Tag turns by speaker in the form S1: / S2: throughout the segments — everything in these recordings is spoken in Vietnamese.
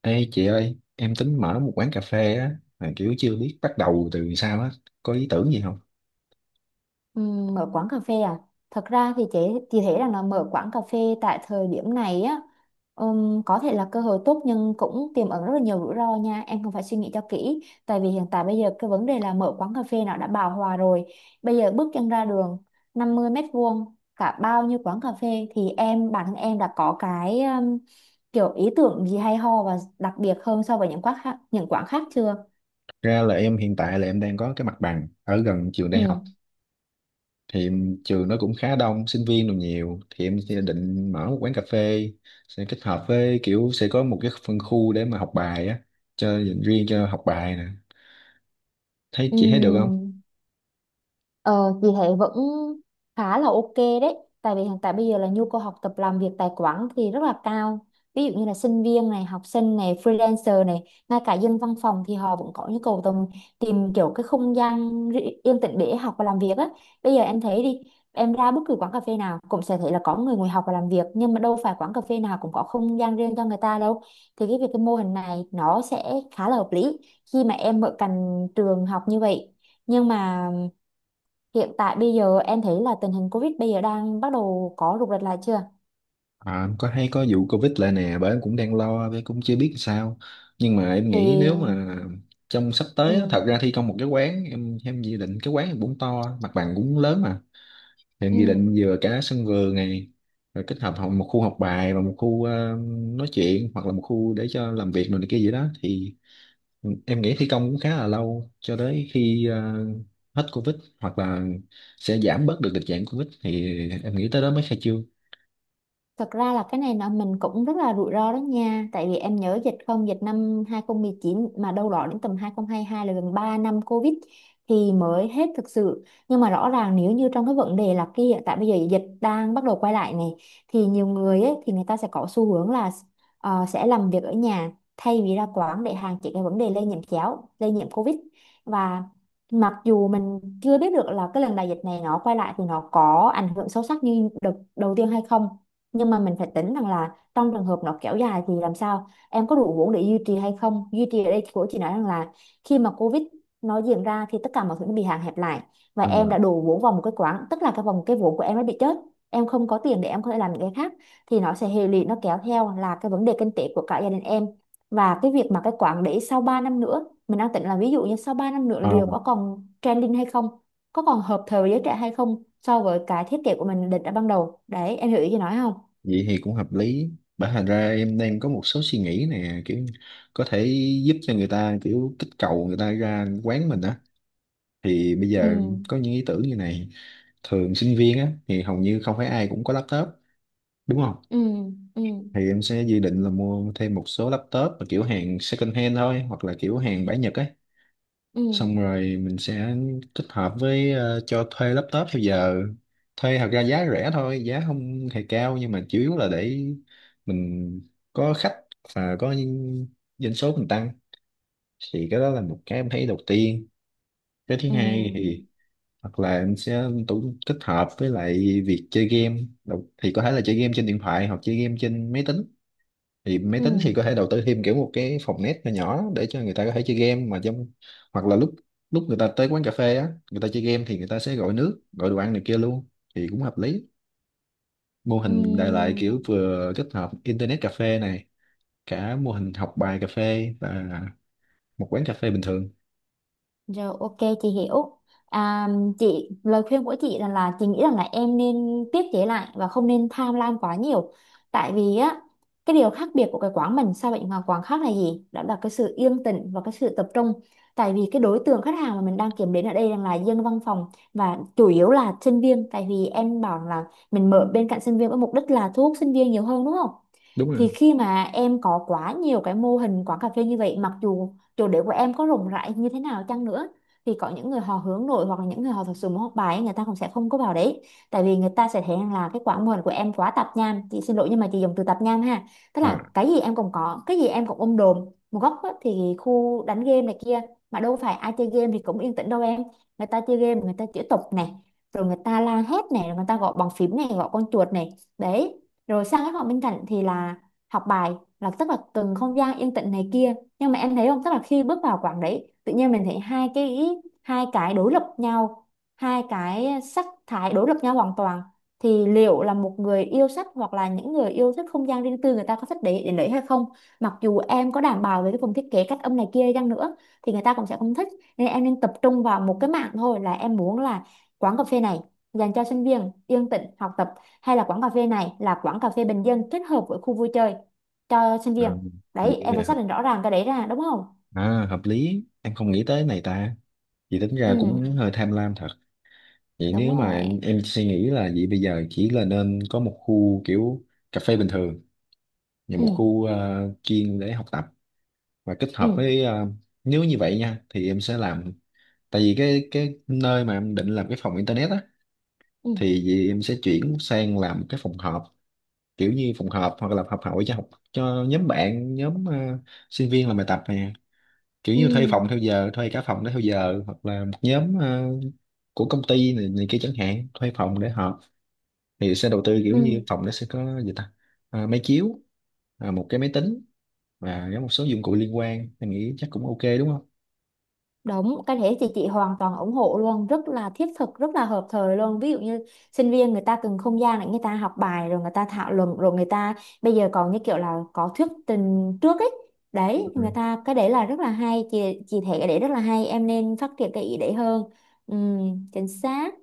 S1: Ê chị ơi, em tính mở một quán cà phê á, mà kiểu chưa biết bắt đầu từ sao á, có ý tưởng gì không?
S2: Mở quán cà phê à, thật ra thì chị thấy rằng là mở quán cà phê tại thời điểm này á, có thể là cơ hội tốt nhưng cũng tiềm ẩn rất là nhiều rủi ro nha, em cần phải suy nghĩ cho kỹ. Tại vì hiện tại bây giờ cái vấn đề là mở quán cà phê nó đã bão hòa rồi. Bây giờ bước chân ra đường, 50 m² cả bao nhiêu quán cà phê. Thì em, bản thân em đã có cái, kiểu ý tưởng gì hay ho và đặc biệt hơn so với những quán khác chưa?
S1: Ra là em hiện tại là em đang có cái mặt bằng ở gần trường
S2: Ừ,
S1: đại học, thì trường nó cũng khá đông, sinh viên đồ nhiều, thì em sẽ định mở một quán cà phê, sẽ kết hợp với kiểu sẽ có một cái phân khu để mà học bài á, cho dành riêng cho học bài nè. Thấy
S2: ừ.
S1: chị thấy được không?
S2: Ờ, chị thấy vẫn khá là ok đấy. Tại vì hiện tại bây giờ là nhu cầu học tập làm việc tại quán thì rất là cao. Ví dụ như là sinh viên này, học sinh này, freelancer này, ngay cả dân văn phòng thì họ vẫn có nhu cầu tìm kiểu cái không gian yên tĩnh để học và làm việc á. Bây giờ em thấy đi, em ra bất cứ quán cà phê nào cũng sẽ thấy là có người ngồi học và làm việc, nhưng mà đâu phải quán cà phê nào cũng có không gian riêng cho người ta đâu. Thì cái việc cái mô hình này nó sẽ khá là hợp lý khi mà em ở cạnh trường học như vậy. Nhưng mà hiện tại bây giờ em thấy là tình hình Covid bây giờ đang bắt đầu có rục rịch lại chưa?
S1: À, em có thấy có vụ Covid lại nè, bởi em cũng đang lo, bởi cũng chưa biết sao. Nhưng mà em nghĩ nếu
S2: Thì
S1: mà trong sắp tới, á,
S2: ừ,
S1: thật ra thi công một cái quán, em dự định cái quán em cũng to, mặt bằng cũng lớn mà. Em
S2: ừ.
S1: dự định vừa cả sân vườn này, rồi một khu học bài và một khu nói chuyện hoặc là một khu để cho làm việc rồi này kia gì đó. Thì em nghĩ thi công cũng khá là lâu cho tới khi hết Covid hoặc là sẽ giảm bớt được tình trạng Covid thì em nghĩ tới đó mới khai trương.
S2: Thật ra là cái này là mình cũng rất là rủi ro đó nha. Tại vì em nhớ dịch, không, dịch năm 2019 mà đâu đó đến tầm 2022 là gần 3 năm Covid thì mới hết thực sự. Nhưng mà rõ ràng nếu như trong cái vấn đề là cái hiện tại bây giờ dịch đang bắt đầu quay lại này, thì nhiều người ấy, thì người ta sẽ có xu hướng là, sẽ làm việc ở nhà thay vì ra quán để hạn chế cái vấn đề lây nhiễm chéo, lây nhiễm Covid. Và mặc dù mình chưa biết được là cái lần đại dịch này nó quay lại thì nó có ảnh hưởng sâu sắc như đợt đầu tiên hay không, nhưng mà mình phải tính rằng là trong trường hợp nó kéo dài thì làm sao em có đủ vốn để duy trì hay không. Duy trì ở đây của chị nói rằng là khi mà Covid nó diễn ra thì tất cả mọi thứ nó bị hạn hẹp lại, và em đã đổ vốn vào một cái quán, tức là cái vòng cái vốn của em nó bị chết, em không có tiền để em có thể làm những cái khác, thì nó sẽ hệ lụy, nó kéo theo là cái vấn đề kinh tế của cả gia đình em. Và cái việc mà cái quán đấy sau 3 năm nữa, mình đang tính là ví dụ như sau 3 năm nữa
S1: Ờ.
S2: liệu có còn trending hay không, có còn hợp thời với giới trẻ hay không so với cái thiết kế của mình định đã ban đầu đấy, em hiểu ý chị nói không?
S1: Vậy thì cũng hợp lý. Bởi thành ra em đang có một số suy nghĩ nè, kiểu có thể giúp cho người ta kiểu kích cầu người ta ra quán mình á. Thì bây
S2: Ừ,
S1: giờ có những ý tưởng như này. Thường sinh viên á thì hầu như không phải ai cũng có laptop, đúng không?
S2: ừ, ừ,
S1: Thì em sẽ dự định là mua thêm một số laptop mà kiểu hàng second hand thôi hoặc là kiểu hàng bãi Nhật ấy,
S2: ừ,
S1: xong rồi mình sẽ tích hợp với cho thuê laptop theo giờ, thuê thật ra giá rẻ thôi, giá không hề cao, nhưng mà chủ yếu là để mình có khách và có những doanh số mình tăng. Thì cái đó là một cái em thấy đầu tiên. Cái thứ hai
S2: ừ,
S1: thì hoặc là em sẽ tủ kết hợp với lại việc chơi game. Thì có thể là chơi game trên điện thoại hoặc chơi game trên máy tính, thì máy
S2: ừ,
S1: tính
S2: ừ,
S1: thì có thể đầu tư thêm kiểu một cái phòng net nhỏ nhỏ để cho người ta có thể chơi game mà trong, hoặc là lúc lúc người ta tới quán cà phê á, người ta chơi game thì người ta sẽ gọi nước gọi đồ ăn này kia luôn. Thì cũng hợp lý, mô
S2: ừ,
S1: hình đại loại
S2: ừ.
S1: kiểu vừa kết hợp internet cà phê này, cả mô hình học bài cà phê và một quán cà phê bình thường.
S2: Rồi, ok, chị hiểu. À, chị, lời khuyên của chị là chị nghĩ rằng là em nên tiết chế lại và không nên tham lam quá nhiều. Tại vì á, cái điều khác biệt của cái quán mình so với những hàng quán khác là gì? Đó là cái sự yên tĩnh và cái sự tập trung. Tại vì cái đối tượng khách hàng mà mình đang kiểm đến ở đây đang là dân văn phòng và chủ yếu là sinh viên. Tại vì em bảo là mình mở bên cạnh sinh viên với mục đích là thu hút sinh viên nhiều hơn đúng không?
S1: Đúng rồi.
S2: Thì khi mà em có quá nhiều cái mô hình quán cà phê như vậy, mặc dù chủ đề của em có rộng rãi như thế nào chăng nữa, thì có những người họ hướng nội hoặc là những người họ thật sự muốn học bài ấy, người ta cũng sẽ không có vào đấy. Tại vì người ta sẽ thấy rằng là cái quả mô hình của em quá tạp nham, chị xin lỗi nhưng mà chị dùng từ tạp nham ha, tức là
S1: À,
S2: cái gì em cũng có, cái gì em cũng ôm đồm một góc á, thì khu đánh game này kia, mà đâu phải ai chơi game thì cũng yên tĩnh đâu em. Người ta chơi game, người ta chửi tục này, rồi người ta la hét này, rồi người ta gõ bàn phím này, gõ con chuột này, đấy. Rồi sang cái phòng bên cạnh thì là học bài, là tức là cần không gian yên tĩnh này kia. Nhưng mà em thấy không, tức là khi bước vào quảng đấy tự nhiên mình thấy hai cái, hai cái đối lập nhau, hai cái sắc thái đối lập nhau hoàn toàn. Thì liệu là một người yêu sách hoặc là những người yêu thích không gian riêng tư người ta có thích đấy, đến đấy hay không? Mặc dù em có đảm bảo về cái phần thiết kế cách âm này kia đi chăng nữa thì người ta cũng sẽ không thích. Nên em nên tập trung vào một cái mảng thôi. Là em muốn là quán cà phê này dành cho sinh viên yên tĩnh học tập, hay là quán cà phê này là quán cà phê bình dân kết hợp với khu vui chơi cho sinh
S1: à,
S2: viên. Đấy,
S1: vậy
S2: em
S1: là
S2: phải xác
S1: hợp,
S2: định rõ ràng cái đấy ra đúng không?
S1: à, hợp lý, em không nghĩ tới này ta, vậy tính ra
S2: Ừ,
S1: cũng hơi tham lam thật. Vậy
S2: đúng
S1: nếu mà
S2: rồi,
S1: em suy nghĩ là vậy, bây giờ chỉ là nên có một khu kiểu cà phê bình thường và một
S2: ừ,
S1: khu chuyên để học tập, và kết hợp
S2: ừ,
S1: với nếu như vậy nha thì em sẽ làm. Tại vì cái nơi mà em định làm cái phòng internet á
S2: ừ,
S1: thì vì em sẽ chuyển sang làm cái phòng họp, kiểu như phòng họp hoặc là họp hội cho học cho nhóm bạn nhóm sinh viên làm bài tập nè, kiểu
S2: ừ,
S1: như thuê phòng theo
S2: ừ,
S1: giờ, thuê cả phòng đó theo giờ, hoặc là một nhóm của công ty này, này kia chẳng hạn, thuê phòng để họp. Thì sẽ đầu tư kiểu
S2: ừ.
S1: như phòng nó sẽ có gì ta, à, máy chiếu, à, một cái máy tính, và có một số dụng cụ liên quan, em nghĩ chắc cũng ok đúng không?
S2: Đúng, cái thế thì chị hoàn toàn ủng hộ luôn, rất là thiết thực, rất là hợp thời luôn. Ví dụ như sinh viên, người ta cần không gian để người ta học bài, rồi người ta thảo luận, rồi người ta bây giờ còn như kiểu là có thuyết trình trước ấy. Đấy, người
S1: Ừ.
S2: ta cái đấy là rất là hay, chị thấy cái đấy rất là hay, em nên phát triển cái ý đấy hơn. Chính xác.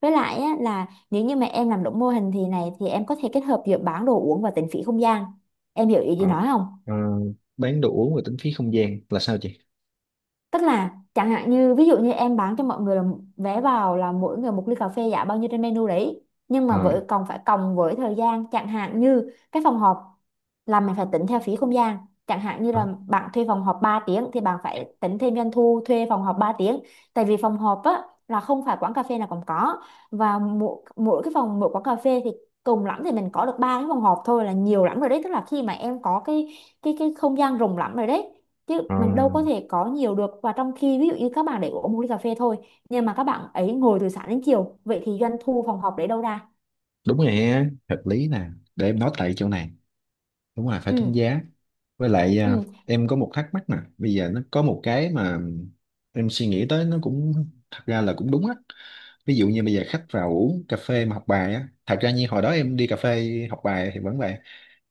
S2: Với lại á, là nếu như mà em làm đúng mô hình thì này thì em có thể kết hợp giữa bán đồ uống và tính phí không gian. Em hiểu ý
S1: Ờ.
S2: gì nói không?
S1: Ờ, bán đồ uống và tính phí không gian là sao chị?
S2: Tức là chẳng hạn như ví dụ như em bán cho mọi người là vé vào là mỗi người một ly cà phê giá bao nhiêu trên menu đấy. Nhưng mà
S1: Ờ.
S2: với còn phải cộng với thời gian, chẳng hạn như cái phòng họp là mình phải tính theo phí không gian. Chẳng hạn như
S1: Hả?
S2: là bạn thuê phòng họp 3 tiếng thì bạn phải tính thêm doanh thu thuê phòng họp 3 tiếng. Tại vì phòng họp á là không phải quán cà phê nào cũng có, và mỗi mỗi cái phòng, mỗi quán cà phê thì cùng lắm thì mình có được ba cái phòng họp thôi là nhiều lắm rồi đấy. Tức là khi mà em có cái không gian rộng lắm rồi đấy, chứ
S1: Ờ,
S2: mình đâu có thể có nhiều được. Và trong khi ví dụ như các bạn để uống một ly cà phê thôi, nhưng mà các bạn ấy ngồi từ sáng đến chiều, vậy thì doanh thu phòng học đấy đâu ra?
S1: đúng rồi ha, hợp lý nè, để em nói tại chỗ này, đúng rồi phải
S2: Ừ,
S1: tính giá. Với lại à,
S2: ừ,
S1: em có một thắc mắc nè, bây giờ nó có một cái mà em suy nghĩ tới nó cũng, thật ra là cũng đúng á. Ví dụ như bây giờ khách vào uống cà phê mà học bài á, thật ra như hồi đó em đi cà phê học bài thì vẫn vậy,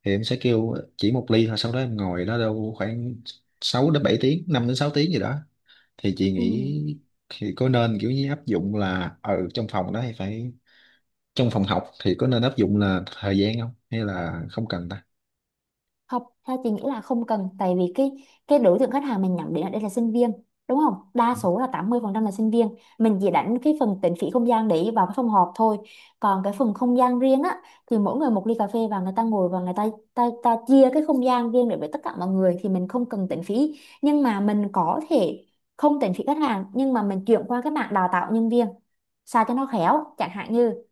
S1: thì em sẽ kêu chỉ một ly thôi sau đó em ngồi đó đâu khoảng 6 đến 7 tiếng, 5 đến 6 tiếng gì đó, thì chị
S2: ừ.
S1: nghĩ thì có nên kiểu như áp dụng là ở trong phòng đó thì phải, trong phòng học thì có nên áp dụng là thời gian không hay là không cần ta?
S2: Không, theo chị nghĩ là không cần. Tại vì cái đối tượng khách hàng mình nhắm đến ở đây là sinh viên đúng không, đa số là 80% là sinh viên. Mình chỉ đánh cái phần tính phí không gian để vào cái phòng họp thôi, còn cái phần không gian riêng á, thì mỗi người một ly cà phê và người ta ngồi và người ta ta chia cái không gian riêng để với tất cả mọi người, thì mình không cần tính phí. Nhưng mà mình có thể không tính phí khách hàng, nhưng mà mình chuyển qua cái mạng đào tạo nhân viên sao cho nó khéo. Chẳng hạn như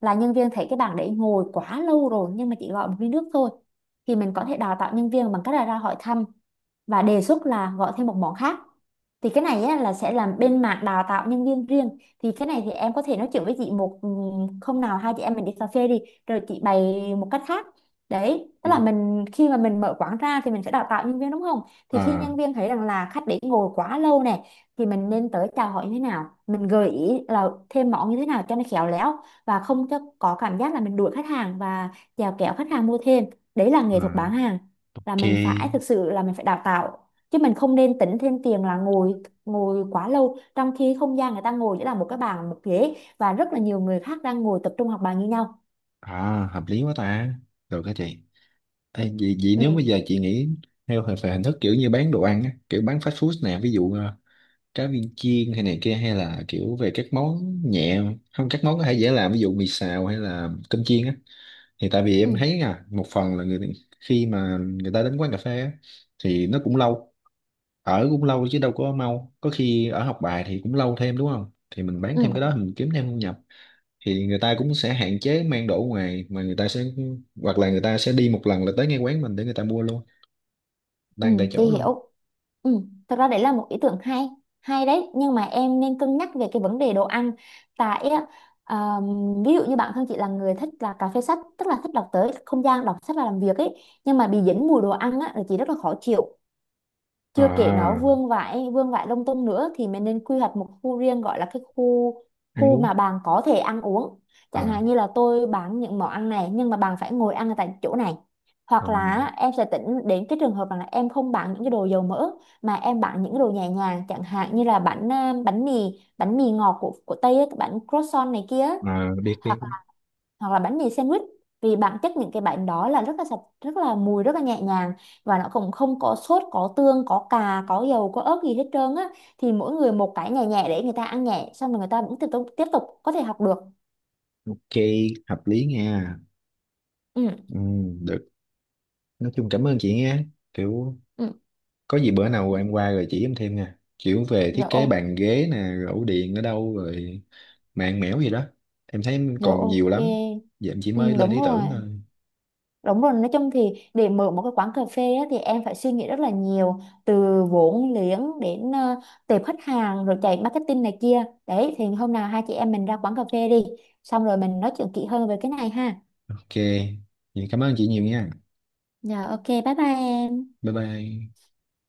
S2: là nhân viên thấy cái bàn đấy ngồi quá lâu rồi nhưng mà chỉ gọi một ly nước thôi, thì mình có thể đào tạo nhân viên bằng cách là ra hỏi thăm và đề xuất là gọi thêm một món khác. Thì cái này á, là sẽ làm bên mảng đào tạo nhân viên riêng, thì cái này thì em có thể nói chuyện với chị một, hôm nào hai chị em mình đi cà phê đi, rồi chị bày một cách khác. Đấy, tức
S1: Ừ.
S2: là mình khi mà mình mở quán ra thì mình phải đào tạo nhân viên đúng không? Thì khi
S1: À,
S2: nhân viên thấy rằng là khách để ngồi quá lâu này, thì mình nên tới chào hỏi như thế nào, mình gợi ý là thêm món như thế nào cho nó khéo léo và không cho có cảm giác là mình đuổi khách hàng và chèo kéo khách hàng mua thêm. Đấy là nghệ thuật bán
S1: à,
S2: hàng, là
S1: ok,
S2: mình phải thực sự là mình phải đào tạo, chứ mình không nên tính thêm tiền là ngồi ngồi quá lâu trong khi không gian người ta ngồi chỉ là một cái bàn một ghế và rất là nhiều người khác đang ngồi tập trung học bài như nhau.
S1: à, hợp lý quá ta, được hả chị? Ê, vậy, vậy nếu
S2: Ừ,
S1: bây giờ chị nghĩ theo về hình thức kiểu như bán đồ ăn á, kiểu bán fast food nè, ví dụ cá viên chiên hay này kia, hay là kiểu về các món nhẹ, không các món có thể dễ làm ví dụ mì xào hay là cơm chiên á, thì tại vì
S2: ừ,
S1: em thấy à một phần là người khi mà người ta đến quán cà phê á, thì nó cũng lâu, ở cũng lâu chứ đâu có mau, có khi ở học bài thì cũng lâu thêm đúng không, thì mình bán thêm cái
S2: ừ,
S1: đó mình kiếm thêm thu nhập, thì người ta cũng sẽ hạn chế mang đồ ở ngoài mà người ta sẽ, hoặc là người ta sẽ đi một lần là tới ngay quán mình để người ta mua luôn,
S2: ừ,
S1: đang tại
S2: chị
S1: chỗ luôn.
S2: hiểu. Ừ, thật ra đấy là một ý tưởng hay, hay đấy. Nhưng mà em nên cân nhắc về cái vấn đề đồ ăn. Tại á, à, ví dụ như bản thân chị là người thích là cà phê sách, tức là thích đọc, tới không gian đọc sách và làm việc ấy, nhưng mà bị dính mùi đồ ăn á là chị rất là khó chịu, chưa kể nó
S1: À,
S2: vương vãi, vương vãi lung tung nữa. Thì mình nên quy hoạch một khu riêng, gọi là cái khu,
S1: ăn
S2: khu
S1: uống.
S2: mà bạn có thể ăn uống. Chẳng
S1: À,
S2: hạn như là tôi bán những món ăn này nhưng mà bạn phải ngồi ăn ở tại chỗ này.
S1: à,
S2: Hoặc là em sẽ tính đến cái trường hợp rằng là em không bán những cái đồ dầu mỡ, mà em bán những cái đồ nhẹ nhàng, chẳng hạn như là bánh, à, bánh mì ngọt của Tây ấy, cái bánh croissant này kia,
S1: à biết
S2: hoặc
S1: biết.
S2: hoặc là bánh mì sandwich. Vì bản chất những cái bánh đó là rất là sạch, rất là mùi, rất là nhẹ nhàng, và nó cũng không có sốt, có tương, có cà, có dầu, có ớt gì hết trơn á. Thì mỗi người một cái nhẹ nhẹ để người ta ăn nhẹ xong rồi người ta vẫn tiếp tục có thể học được.
S1: Ok, hợp lý nha.
S2: Ừ,
S1: Ừ, được. Nói chung cảm ơn chị nha, kiểu
S2: ừ.
S1: có gì bữa nào em qua rồi chỉ em thêm nha, kiểu về thiết
S2: Rồi
S1: kế
S2: ô,
S1: bàn ghế nè, rồi ổ điện ở đâu rồi mạng mẽo gì đó, em thấy em
S2: rồi
S1: còn nhiều
S2: ok.
S1: lắm, giờ em chỉ
S2: Ừ,
S1: mới lên
S2: đúng
S1: ý
S2: rồi.
S1: tưởng thôi.
S2: Đúng rồi, nói chung thì để mở một cái quán cà phê á, thì em phải suy nghĩ rất là nhiều, từ vốn liếng đến tệp khách hàng, rồi chạy marketing này kia. Đấy, thì hôm nào hai chị em mình ra quán cà phê đi, xong rồi mình nói chuyện kỹ hơn về cái này ha.
S1: Ok, vậy cảm ơn chị nhiều nha.
S2: Dạ ok, bye bye em.
S1: Bye bye.